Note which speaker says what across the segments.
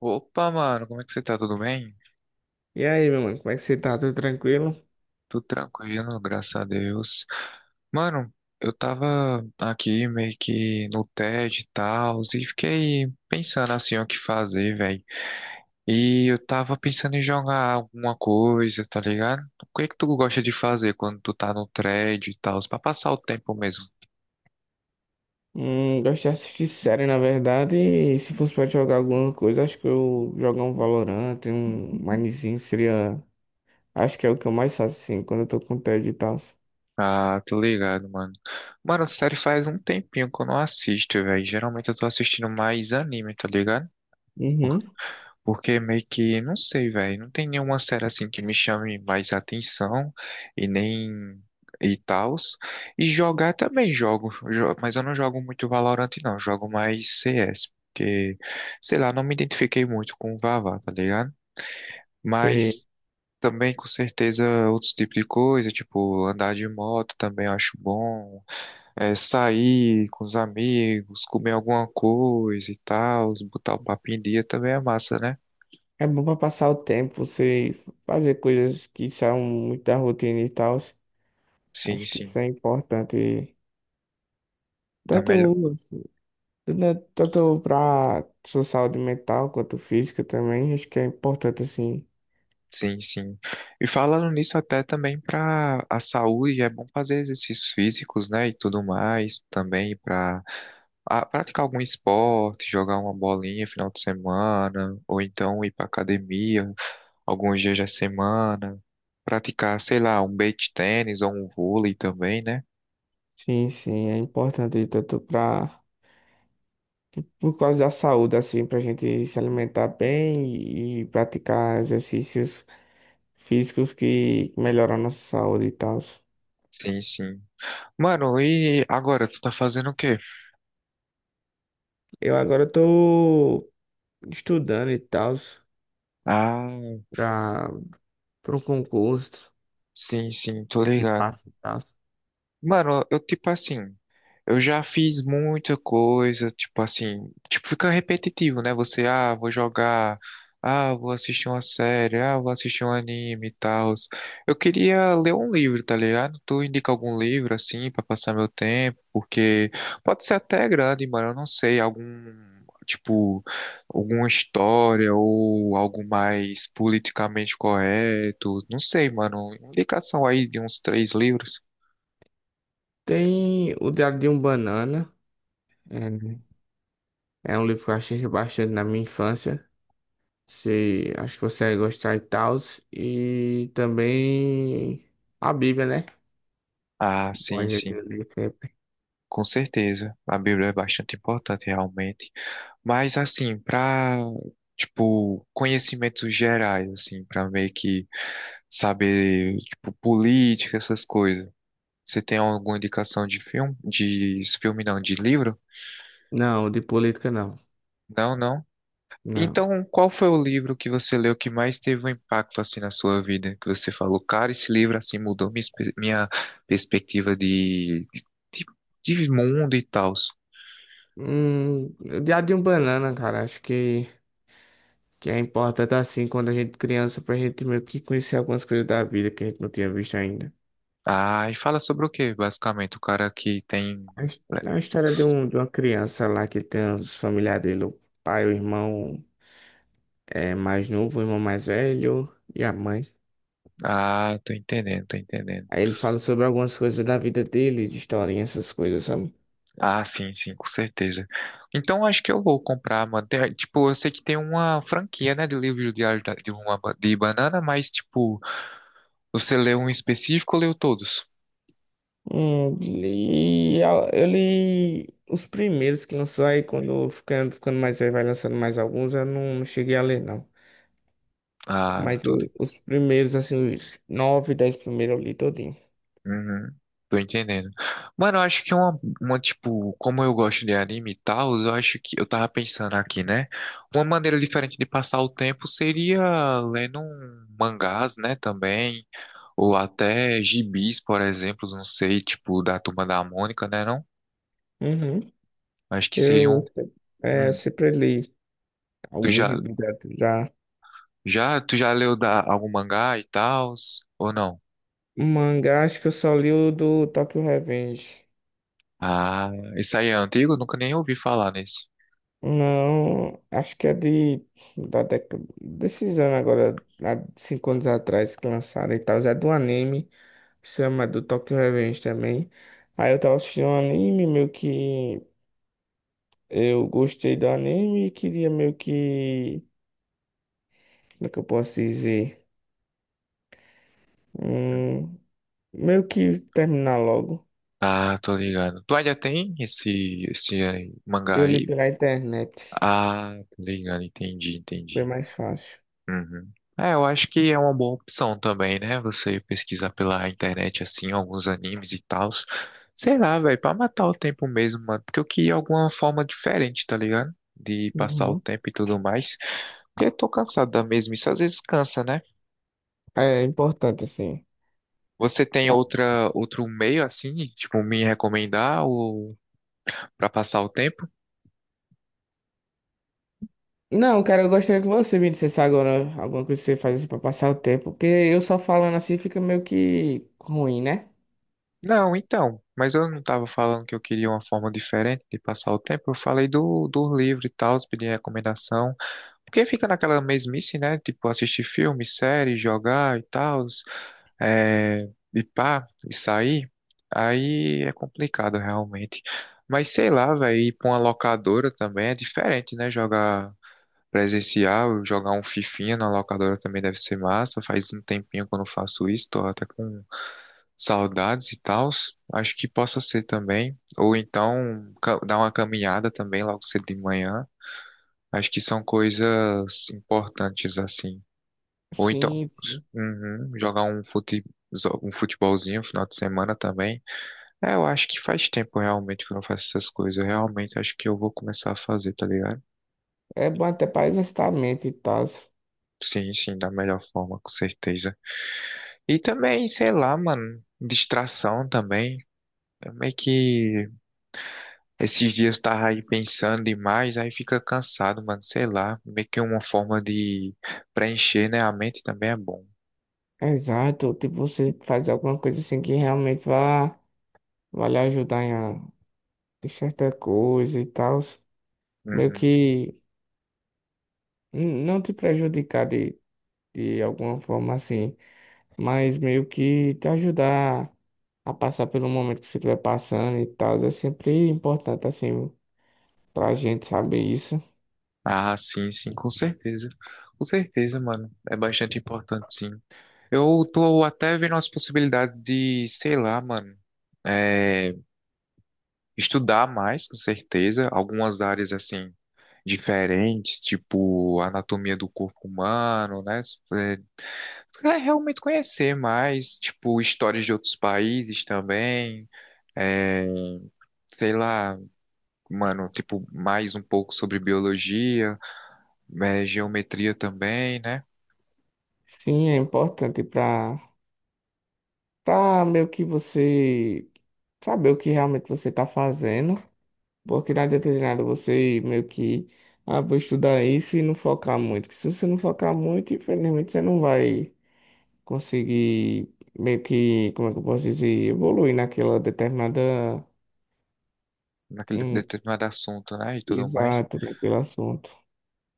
Speaker 1: Opa, mano, como é que você tá? Tudo bem?
Speaker 2: E aí, meu mano, como é que você tá? Tudo tranquilo?
Speaker 1: Tudo tranquilo, graças a Deus. Mano, eu tava aqui meio que no TED e tal, e fiquei pensando assim o que fazer, velho. E eu tava pensando em jogar alguma coisa, tá ligado? O que é que tu gosta de fazer quando tu tá no TED e tal, pra passar o tempo mesmo?
Speaker 2: Gosto de assistir série, na verdade, e se fosse pra jogar alguma coisa, acho que eu jogar um Valorant, um Minezinho seria. Acho que é o que eu mais faço, assim, quando eu tô com tédio e tal.
Speaker 1: Ah, tô ligado, mano. Mano, sério, faz um tempinho que eu não assisto, velho. Geralmente eu tô assistindo mais anime, tá ligado?
Speaker 2: Uhum,
Speaker 1: Porque meio que, não sei, velho, não tem nenhuma série assim que me chame mais atenção e nem e tals. E jogar também jogo, mas eu não jogo muito Valorant não, jogo mais CS, porque sei lá, não me identifiquei muito com o Vavá, tá ligado?
Speaker 2: sei.
Speaker 1: Mas também com certeza outros tipos de coisa, tipo andar de moto também eu acho bom, sair com os amigos, comer alguma coisa e tal, botar o papo em dia também é massa, né?
Speaker 2: É bom pra passar o tempo, você fazer coisas que são muito da rotina e tal.
Speaker 1: Sim,
Speaker 2: Acho que
Speaker 1: sim.
Speaker 2: isso é importante,
Speaker 1: Dá
Speaker 2: tanto,
Speaker 1: melhor.
Speaker 2: tanto pra sua saúde mental quanto física também, acho que é importante, assim.
Speaker 1: Sim, sim. E falando nisso até também para a saúde, é bom fazer exercícios físicos, né, e tudo mais, também para praticar algum esporte, jogar uma bolinha final de semana, ou então ir para academia alguns dias da semana, praticar, sei lá, um beach tênis ou um vôlei também, né?
Speaker 2: Sim, sim, é importante tanto para por causa da saúde, assim, para a gente se alimentar bem e, praticar exercícios físicos que melhoram a nossa saúde e tal.
Speaker 1: Sim, sim. Mano, e agora tu tá fazendo o quê?
Speaker 2: Eu agora estou estudando e tal
Speaker 1: Ah,
Speaker 2: para para um concurso,
Speaker 1: sim, sim, tô
Speaker 2: esse
Speaker 1: ligado.
Speaker 2: passo e tal.
Speaker 1: Mano, eu tipo assim, eu já fiz muita coisa, tipo assim, tipo fica repetitivo, né? Você, ah, vou jogar, ah, vou assistir uma série, ah, vou assistir um anime e tal. Eu queria ler um livro, tá ligado? Tu indica algum livro assim pra passar meu tempo, porque pode ser até grande, mano, eu não sei, algum tipo alguma história ou algo mais politicamente correto, não sei, mano, indicação aí de uns três livros.
Speaker 2: Tem o Diário de um Banana, é, é um livro que eu achei bastante na minha infância. Se, acho que você vai gostar e tal. E também a Bíblia, né?
Speaker 1: Ah, sim,
Speaker 2: Monja de
Speaker 1: sim,
Speaker 2: Olimpíada.
Speaker 1: com certeza. A Bíblia é bastante importante, realmente. Mas, assim, para, tipo, conhecimentos gerais, assim, para meio que saber, tipo, política, essas coisas. Você tem alguma indicação de filme? De filme não, de livro?
Speaker 2: Não, de política não.
Speaker 1: Não, não.
Speaker 2: Não.
Speaker 1: Então, qual foi o livro que você leu que mais teve um impacto, assim, na sua vida? Que você falou, cara, esse livro, assim, mudou minha, minha perspectiva de de mundo e tal.
Speaker 2: Hum, de um Banana, cara, que é importante assim quando a gente criança pra gente meio que conhecer algumas coisas da vida que a gente não tinha visto ainda.
Speaker 1: Ah, e fala sobre o quê, basicamente? O cara que tem.
Speaker 2: A história de uma criança lá que tem os familiares dele, o pai, o irmão mais novo, o irmão mais velho e a mãe.
Speaker 1: Ah, tô entendendo, tô entendendo.
Speaker 2: Aí ele fala sobre algumas coisas da vida dele, de historinha, essas coisas, sabe?
Speaker 1: Ah, sim, sim, com certeza. Então acho que eu vou comprar, mano. Tipo, eu sei que tem uma franquia, né, do livro diário de de banana, mas tipo, você leu um específico ou leu todos?
Speaker 2: Li, eu li os primeiros que lançou aí, quando ficando mais aí, vai lançando mais alguns, eu não cheguei a ler, não.
Speaker 1: Ah,
Speaker 2: Mas
Speaker 1: tô ligado.
Speaker 2: os primeiros, assim, os nove, dez primeiros eu li todinho.
Speaker 1: Uhum, tô entendendo. Mano, eu acho que tipo, como eu gosto de anime e tal, eu acho que eu tava pensando aqui, né? Uma maneira diferente de passar o tempo seria lendo um mangás, né, também, ou até gibis, por exemplo, não sei, tipo, da Turma da Mônica, né, não?
Speaker 2: Uhum.
Speaker 1: Acho que seria
Speaker 2: Eu,
Speaker 1: um, um-
Speaker 2: sempre li
Speaker 1: tu
Speaker 2: alguns de
Speaker 1: já,
Speaker 2: Bíblia já.
Speaker 1: já, tu já leu da, algum mangá e tal, ou não?
Speaker 2: Mangá, acho que eu só li o do Tokyo Revenge.
Speaker 1: Ah, isso aí é antigo? Eu nunca nem ouvi falar nesse.
Speaker 2: Não, acho que é da década, desses anos agora, há 5 anos atrás que lançaram e tal, já é do anime. Chama do Tokyo Revenge também. Aí eu tava assistindo um anime, meio que eu gostei do anime e queria meio que. Como é que eu posso dizer? Hum, meio que terminar logo.
Speaker 1: Ah, tô ligado. Tu ainda tem esse, esse aí, mangá
Speaker 2: Eu li
Speaker 1: aí?
Speaker 2: pela internet.
Speaker 1: Ah, tô ligado, entendi,
Speaker 2: Bem
Speaker 1: entendi.
Speaker 2: mais fácil.
Speaker 1: Uhum. É, eu acho que é uma boa opção também, né? Você pesquisar pela internet, assim, alguns animes e tals. Sei lá, velho, pra matar o tempo mesmo, mano. Porque eu queria alguma forma diferente, tá ligado? De passar o
Speaker 2: Uhum.
Speaker 1: tempo e tudo mais. Porque eu tô cansado da mesma, isso às vezes cansa, né?
Speaker 2: É importante, assim.
Speaker 1: Você tem outra, outro meio, assim, tipo, me recomendar ou... para passar o tempo?
Speaker 2: Não, cara, eu gostaria que você me dissesse agora alguma coisa que você faz assim pra passar o tempo, porque eu só falando assim fica meio que ruim, né?
Speaker 1: Não, então, mas eu não estava falando que eu queria uma forma diferente de passar o tempo. Eu falei do livro e tal, pedi recomendação. Porque fica naquela mesmice, né? Tipo, assistir filme, série, jogar e tal, é, e pá, e sair. Aí é complicado realmente. Mas sei lá, velho, ir pra uma locadora também é diferente, né? Jogar presencial, jogar um fifinha na locadora também deve ser massa. Faz um tempinho que eu não faço isso, tô até com saudades e tals. Acho que possa ser também. Ou então dar uma caminhada também logo cedo de manhã. Acho que são coisas importantes assim. Ou então
Speaker 2: Sim, sim.
Speaker 1: uhum, um futebolzinho no final de semana também. É, eu acho que faz tempo realmente que eu não faço essas coisas. Eu realmente acho que eu vou começar a fazer, tá ligado?
Speaker 2: É bom até pra exercitar a mente e tal.
Speaker 1: Sim, sim, da melhor forma, com certeza. E também, sei lá, mano, distração também. É meio que esses dias tava aí pensando demais, aí fica cansado, mano, sei lá. Meio que uma forma de preencher, né? A mente também é bom.
Speaker 2: Exato, tipo, você faz alguma coisa assim que realmente vai lhe ajudar em, em certa coisa e tal, meio
Speaker 1: Uhum.
Speaker 2: que não te prejudicar de alguma forma assim, mas meio que te ajudar a passar pelo momento que você estiver passando e tal, é sempre importante assim pra gente saber isso.
Speaker 1: Ah, sim, sim, com certeza. Com certeza, mano. É bastante importante, sim. Eu tô até vendo as possibilidades de, sei lá, mano. é, Estudar mais, com certeza, algumas áreas assim diferentes, tipo anatomia do corpo humano, né? É, é realmente conhecer mais, tipo, histórias de outros países também, é, sei lá, mano, tipo, mais um pouco sobre biologia, geometria também, né?
Speaker 2: Sim, é importante pra meio que você saber o que realmente você tá fazendo. Porque não adianta você meio que, ah, vou estudar isso e não focar muito. Porque se você não focar muito, infelizmente você não vai conseguir meio que, como é que eu posso dizer, evoluir naquela determinada,
Speaker 1: Naquele
Speaker 2: hum,
Speaker 1: determinado assunto, né? E tudo mais.
Speaker 2: exato, naquele assunto.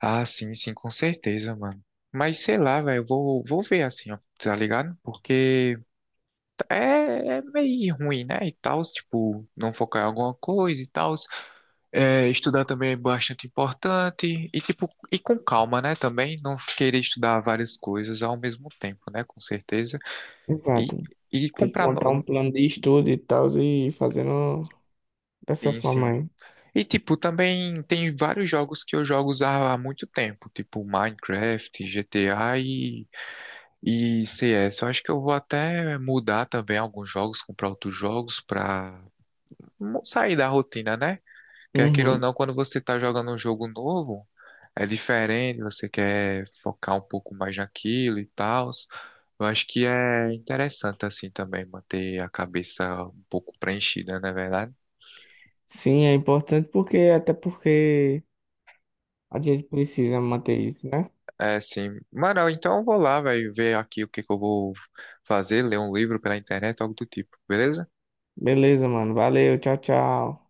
Speaker 1: Ah, sim, sim, com certeza, mano. Mas sei lá, velho, vou ver assim, ó, tá ligado? Porque. É, é meio ruim, né? E tal, tipo, não focar em alguma coisa e tal. É, estudar também é bastante importante. E, tipo, e com calma, né? Também não querer estudar várias coisas ao mesmo tempo, né? Com certeza. E,
Speaker 2: Exato.
Speaker 1: e
Speaker 2: Tem que
Speaker 1: comprar.
Speaker 2: montar um
Speaker 1: No-
Speaker 2: plano de estudo e tal e ir fazendo dessa
Speaker 1: Sim, sim.
Speaker 2: forma aí.
Speaker 1: E, tipo, também tem vários jogos que eu jogo há muito tempo, tipo Minecraft, GTA e CS. Eu acho que eu vou até mudar também alguns jogos, comprar outros jogos pra sair da rotina, né? Quer queira ou
Speaker 2: Uhum.
Speaker 1: não, quando você está jogando um jogo novo, é diferente, você quer focar um pouco mais naquilo e tal. Eu acho que é interessante, assim, também manter a cabeça um pouco preenchida, não é verdade?
Speaker 2: Sim, é importante porque, até porque a gente precisa manter isso, né?
Speaker 1: É, sim. Mano, então eu vou lá, velho, ver aqui o que que eu vou fazer, ler um livro pela internet, algo do tipo, beleza?
Speaker 2: Beleza, mano. Valeu, tchau, tchau.